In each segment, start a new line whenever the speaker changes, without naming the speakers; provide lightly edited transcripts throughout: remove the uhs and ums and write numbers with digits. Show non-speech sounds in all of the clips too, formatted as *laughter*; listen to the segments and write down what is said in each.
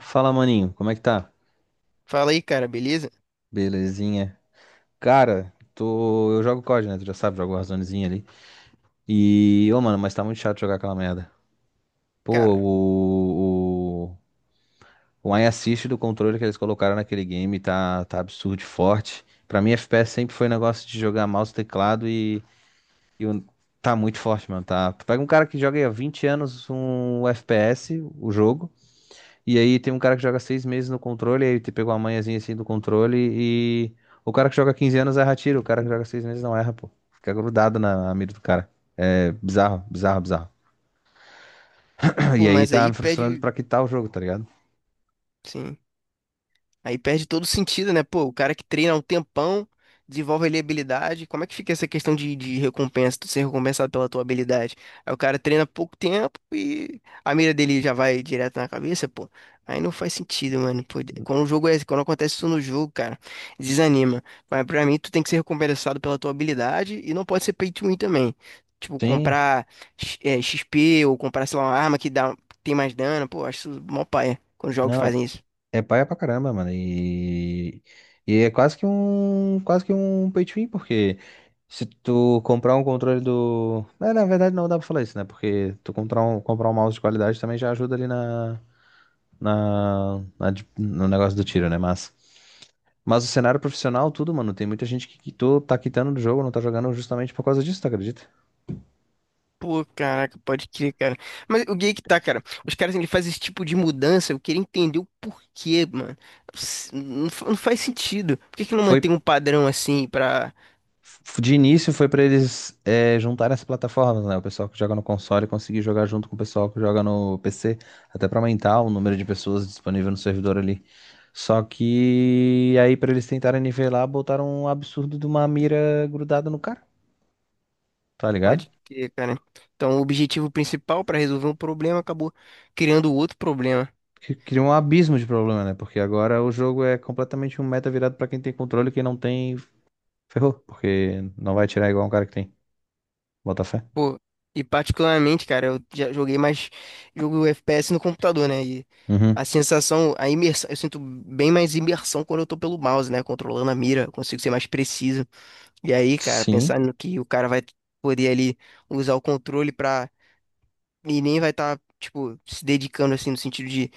Fala, maninho, como é que tá?
Fala aí, cara, beleza?
Belezinha. Cara, tô... eu jogo COD, né? Tu já sabe, jogo Warzonezinha ali. E, ô, mano, mas tá muito chato jogar aquela merda. Pô,
Cara,
o... O, o aim assist do controle que eles colocaram naquele game tá absurdo de forte. Pra mim, FPS sempre foi um negócio de jogar mouse, teclado e... Tá muito forte, mano. Tá... Pega um cara que joga aí há 20 anos um FPS, o jogo. E aí tem um cara que joga 6 meses no controle, aí te pegou a manhãzinha assim do controle e. O cara que joga 15 anos erra tiro, o cara que joga 6 meses não erra, pô. Fica grudado na mira do cara. É bizarro, bizarro, bizarro. *clears throat*
pô,
E aí
mas
tá
aí
me frustrando
pede.
pra quitar o jogo, tá ligado?
Sim. Aí perde todo o sentido, né? Pô, o cara que treina um tempão, desenvolve ali habilidade. Como é que fica essa questão de recompensa, tu ser recompensado pela tua habilidade? Aí o cara treina pouco tempo e a mira dele já vai direto na cabeça, pô. Aí não faz sentido, mano. Pô, quando o jogo é, quando acontece isso no jogo, cara, desanima. Mas pra mim, tu tem que ser recompensado pela tua habilidade e não pode ser pay to win também. Tipo,
Sim,
comprar XP ou comprar, sei lá, uma arma que dá, tem mais dano. Pô, acho isso mó paia quando os jogos
não, é,
fazem isso.
é paia pra caramba, mano. E é quase que um pay to win, porque se tu comprar um controle do. É, na verdade não dá pra falar isso, né? Porque tu comprar comprar um mouse de qualidade também já ajuda ali no negócio do tiro, né? Mas o cenário profissional, tudo, mano, tem muita gente que quitou, tá quitando do jogo, não tá jogando justamente por causa disso, tu acredita?
Pô, caraca, pode crer, cara. Mas o que é que tá, cara? Os caras, ele fazem esse tipo de mudança, eu queria entender o porquê, mano. Não, não faz sentido. Por que que não
Foi,
mantém um padrão assim pra.
de início foi pra eles juntarem as plataformas, né? O pessoal que joga no console conseguir jogar junto com o pessoal que joga no PC, até pra aumentar o número de pessoas disponível no servidor ali. Só que aí pra eles tentarem nivelar, botaram um absurdo de uma mira grudada no cara, tá ligado?
Pode crer, cara. Então, o objetivo principal pra resolver um problema acabou criando outro problema.
Que cria um abismo de problema, né? Porque agora o jogo é completamente um meta virado pra quem tem controle, quem não tem, ferrou, porque não vai tirar igual um cara que tem. Bota fé.
Pô, e particularmente, cara, eu já joguei mais. Jogo FPS no computador, né? E a
Uhum.
sensação, a imersão. Eu sinto bem mais imersão quando eu tô pelo mouse, né? Controlando a mira, eu consigo ser mais preciso. E aí, cara,
Sim.
pensando que o cara vai poder ali usar o controle pra. E nem vai estar, tipo, se dedicando assim, no sentido de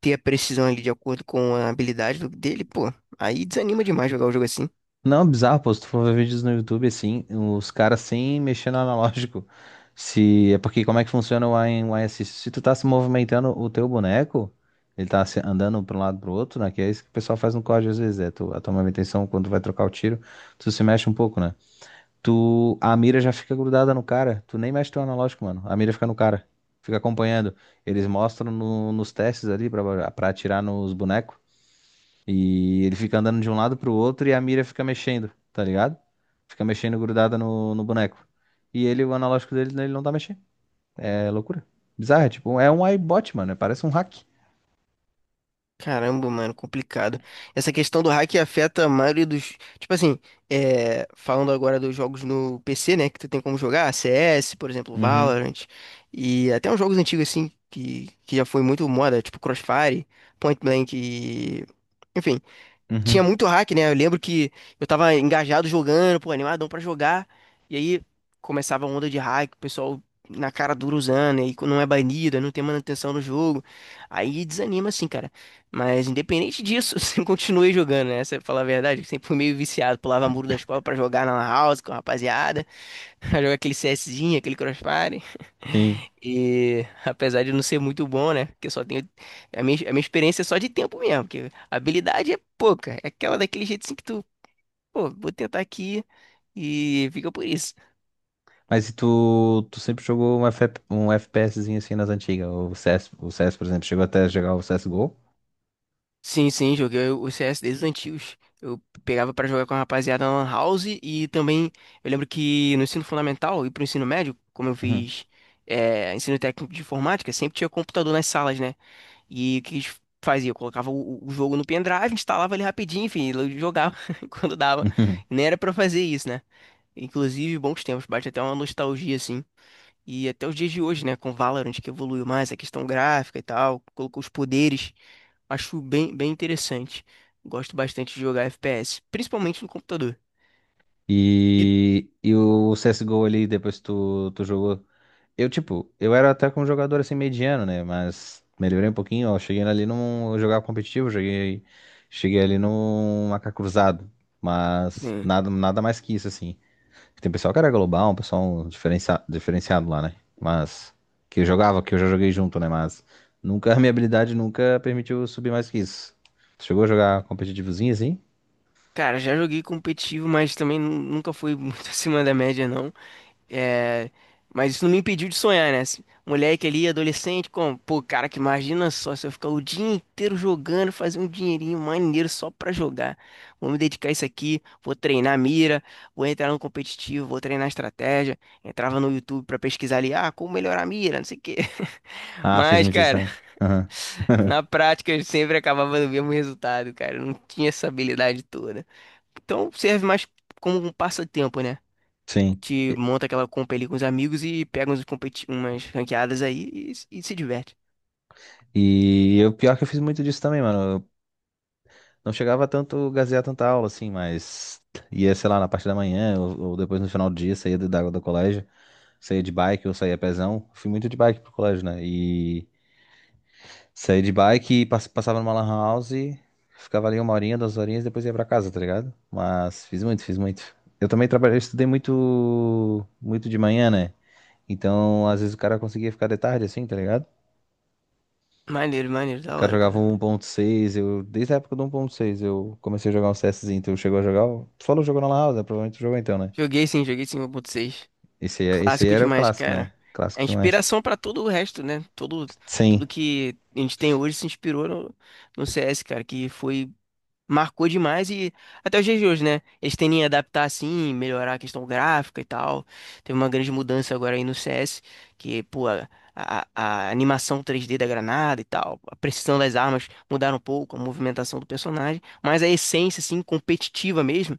ter a precisão ali de acordo com a habilidade dele, pô. Aí desanima demais jogar o jogo assim.
Não, bizarro, pô. Se tu for ver vídeos no YouTube, assim, os caras sem mexer no analógico. Se é porque como é que funciona o AS? Se tu tá se movimentando o teu boneco, ele tá andando pra um lado pro outro, né? Que é isso que o pessoal faz no código às vezes, é tu, a tua manutenção quando tu vai trocar o tiro, tu se mexe um pouco, né? Tu, a mira já fica grudada no cara. Tu nem mexe teu analógico, mano. A mira fica no cara. Fica acompanhando. Eles mostram nos testes ali pra atirar nos bonecos. E ele fica andando de um lado pro outro e a mira fica mexendo, tá ligado? Fica mexendo grudada no boneco. E ele, o analógico dele, ele não tá mexendo. É loucura. Bizarro, é tipo, é um iBot, mano. É, parece um hack.
Caramba, mano, complicado. Essa questão do hack afeta a maioria dos. Tipo assim, falando agora dos jogos no PC, né? Que tu tem como jogar, CS, por exemplo,
Uhum,
Valorant. E até uns jogos antigos assim, que já foi muito moda, tipo Crossfire, Point Blank e. Enfim, tinha
uhum.
muito hack, né? Eu lembro que eu tava engajado jogando, pô, animadão pra jogar. E aí começava a onda de hack, o pessoal na cara dura usando, e aí não é banido, aí não tem manutenção no jogo. Aí desanima, assim, cara. Mas independente disso, *laughs* você continua jogando, né? Você fala a verdade, eu sempre fui meio viciado, pulava muro da escola pra jogar na lan house com a rapaziada, *laughs* pra jogar aquele CSzinho, aquele Crossfire.
Sim.
E *laughs* apesar de não ser muito bom, né? Porque só tenho. A minha experiência é só de tempo mesmo, porque a habilidade é pouca. É aquela daquele jeito assim que tu, pô, vou tentar aqui e fica por isso.
Mas e tu, tu sempre jogou um, FF um FPSzinho assim nas antigas? O CS, por exemplo, chegou até a jogar o CSGO?
Sim, sim, joguei o CS desde os antigos. Eu pegava pra jogar com a rapaziada na Lan House e também eu lembro que no ensino fundamental e pro ensino médio, como eu fiz ensino técnico de informática, sempre tinha computador nas salas, né? E o que a gente fazia? Eu colocava o jogo no pendrive, instalava ele rapidinho, enfim, eu jogava *laughs* quando dava.
*laughs*
Nem era pra fazer isso, né? Inclusive, bons tempos, bate até uma nostalgia assim. E até os dias de hoje, né, com Valorant que evoluiu mais a questão gráfica e tal, colocou os poderes, acho bem, bem interessante. Gosto bastante de jogar FPS, principalmente no computador. E,
E, e o CSGO ali, depois que tu, tu jogou. Eu, tipo, eu era até com um jogador assim mediano, né? Mas melhorei um pouquinho, ó. Cheguei ali num jogar cheguei ali num AK cruzado. Mas
sim,
nada, nada mais que isso, assim. Tem pessoal que era global, um pessoal diferenciado lá, né? Mas que eu jogava, que eu já joguei junto, né? Mas nunca, *laughs* a minha habilidade nunca permitiu subir mais que isso. Tu chegou a jogar competitivozinho assim?
cara, já joguei competitivo, mas também nunca fui muito *laughs* acima da média, não. É, mas isso não me impediu de sonhar, né? Esse moleque ali, adolescente, como, pô, cara, que imagina só se eu ficar o dia inteiro jogando, fazer um dinheirinho maneiro só pra jogar. Vou me dedicar a isso aqui, vou treinar a mira, vou entrar no competitivo, vou treinar a estratégia. Entrava no YouTube pra pesquisar ali, ah, como melhorar a mira, não sei o quê. *laughs*
Ah, fiz
Mas,
muito isso
cara,
também. Aham. *laughs*
na prática eu sempre acabava no mesmo resultado, cara. Eu não tinha essa habilidade toda. Então serve mais como um passatempo, né?
Sim.
Que monta aquela compa ali com os amigos e pega uns competi umas ranqueadas aí e, se diverte.
E o pior que eu fiz muito disso também, mano. Eu não chegava a tanto gazear tanta aula, assim, mas ia, sei lá, na parte da manhã ou depois no final do dia, saía da água do colégio, saía de bike ou saía pezão. Fui muito de bike pro colégio, né? E saía de bike e passava numa lan house, ficava ali uma horinha, duas horinhas depois ia pra casa, tá ligado? Mas fiz muito, fiz muito. Eu também trabalhei, eu estudei muito, muito de manhã, né? Então, às vezes o cara conseguia ficar de tarde, assim, tá ligado?
Maneiro, maneiro,
O
da
cara
hora,
jogava
cara.
um 1.6, eu... Desde a época do 1.6 eu comecei a jogar um CSzinho, tu chegou a jogar? Tu falou que jogou na Lan House, né? Provavelmente tu jogou então, né?
Joguei sim 1.6.
Esse aí
Clássico
era o
demais,
clássico, né?
cara. É
Clássico demais.
inspiração pra todo o resto, né? Todo,
Sim.
tudo que a gente tem hoje se inspirou no CS, cara, que foi marcou demais e até os dias de hoje, né? Eles tendem a adaptar assim, melhorar a questão gráfica e tal. Teve uma grande mudança agora aí no CS, que, pô, a animação 3D da granada e tal, a precisão das armas mudaram um pouco, a movimentação do personagem, mas a essência, assim, competitiva mesmo,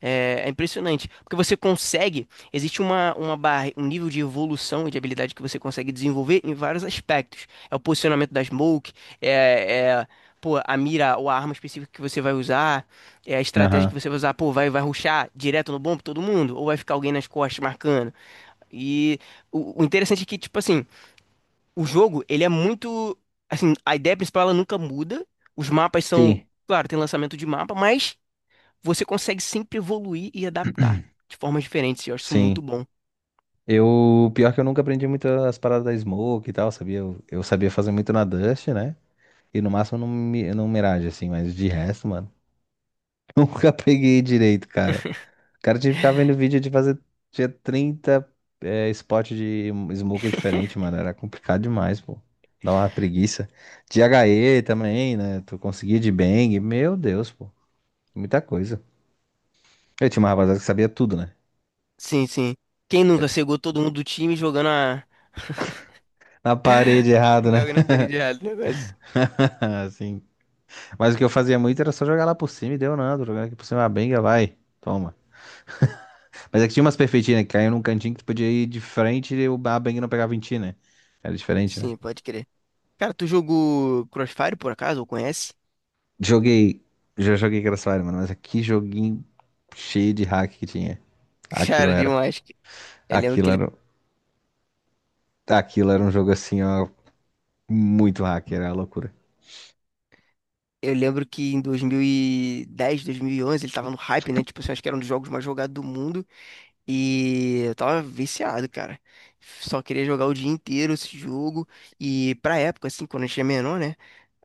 é impressionante, porque você consegue, existe um nível de evolução e de habilidade que você consegue desenvolver em vários aspectos. É o posicionamento da smoke, é, é, pô, a mira ou a arma específica que você vai usar, é a estratégia que
Aham.
você vai usar, pô, vai rushar direto no bom pra todo mundo, ou vai ficar alguém nas costas marcando. E o interessante é que, tipo assim, o jogo, ele é muito, assim, a ideia principal ela nunca muda, os mapas são,
Sim.
claro, tem lançamento de mapa, mas você consegue sempre evoluir e adaptar de formas diferentes, e eu acho isso muito
Sim.
bom.
Eu... Pior que eu nunca aprendi muito as paradas da Smoke e tal, sabia? Eu sabia fazer muito na Dust, né? E no máximo no, no Mirage, assim, mas de resto, mano, *laughs* nunca peguei direito, cara. Cara, tinha que ficar vendo vídeo de fazer. Tinha 30 spot de smoke diferente, mano. Era complicado demais, pô. Dá uma preguiça. De HE também, né? Tu conseguia de bang. Meu Deus, pô. Muita coisa. Eu tinha uma rapaziada que sabia tudo, né?
Sim, sim. Quem nunca cegou todo mundo do time jogando a.
Na parede
*laughs*
errado, né?
Jogando a parede errada o negócio.
*laughs* Assim. Mas o que eu fazia muito era só jogar lá por cima e deu nada. Jogar aqui por cima, a benga vai. Toma. Mas é que tinha umas perfeitinhas, né? Que caíam num cantinho que tu podia ir de frente e a benga não pegava em ti, né? Era diferente, né?
Sim, pode crer. Cara, tu jogou Crossfire por acaso, ou conhece?
Joguei. Já joguei Crossfire, mano, mas que joguinho cheio de hack que tinha.
*laughs*
Aquilo
Cara,
era.
demais. Eu lembro
Aquilo
que ele.
era, Aquilo era um jogo assim, ó, muito hack, era uma loucura.
Eu lembro que em 2010, 2011, ele tava no hype, né? Tipo assim, acho que era um dos jogos mais jogados do mundo. E eu tava viciado, cara. Só queria jogar o dia inteiro esse jogo. E pra época, assim, quando a gente é menor, né?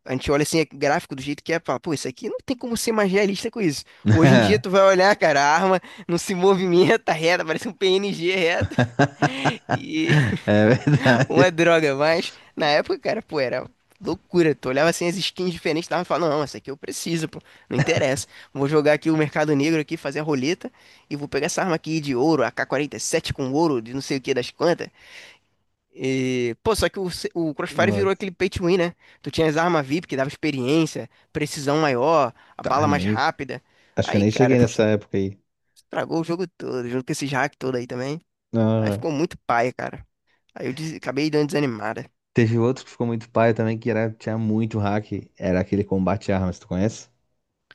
A gente olha assim, é gráfico do jeito que é, fala, pô, isso aqui não tem como ser mais realista com isso. Hoje em dia tu
*laughs*
vai olhar, cara, a arma não se movimenta *laughs* reta, parece um PNG reto. *laughs* E
É
*laughs* uma
verdade.
droga, mas na época, cara, pô, era loucura. Tu olhava assim as skins diferentes, tava falando, não, essa aqui eu preciso, pô, não interessa. Vou jogar aqui o Mercado Negro aqui, fazer a roleta e vou pegar essa arma aqui de ouro, AK sete com ouro, de não sei o que das quantas. E, pô, só que o Crossfire virou
Nossa.
aquele pay to win, né? Tu tinha as armas VIP que dava experiência, precisão maior, a
Tá,
bala mais
nem.
rápida.
Acho que eu
Aí,
nem
cara,
cheguei nessa época aí.
estragou o jogo todo, junto com esses hack todo aí também. Aí
Ah.
ficou muito paia, cara. Aí eu acabei dando desanimada.
Teve outro que ficou muito paia também, que era, tinha muito hack. Era aquele Combate Armas, tu conhece?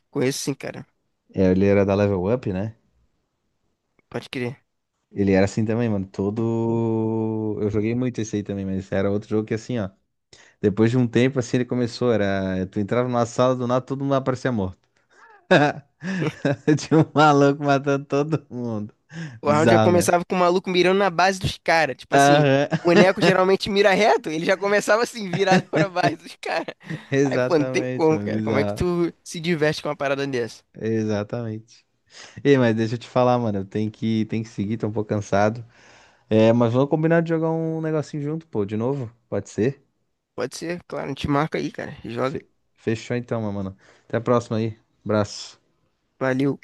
Conheço sim, cara.
É, ele era da Level Up, né?
Pode crer.
Ele era assim também, mano. Todo. Eu joguei muito esse aí também, mas era outro jogo que assim, ó. Depois de um tempo, assim, ele começou, era... Tu entrava numa sala, do nada, todo mundo aparecia morto. *laughs* Tinha um maluco matando todo mundo.
O round já
Bizarro, né?
começava com o maluco mirando na base dos caras. Tipo assim, o
Aham,
boneco geralmente mira reto, ele já começava assim, virado *laughs* pra base dos caras.
*laughs*
Aí, pô, não tem
exatamente,
como,
mano,
cara. Como é que
bizarro.
tu se diverte com uma parada dessa?
Exatamente. Ei, mas deixa eu te falar, mano, eu tenho tenho que seguir, tô um pouco cansado. É, mas vamos combinar de jogar um negocinho junto, pô, de novo? Pode ser?
Pode ser, claro, a gente marca aí, cara. Joga.
Fe- Fechou então, meu mano. Até a próxima aí. Abraço.
Valeu.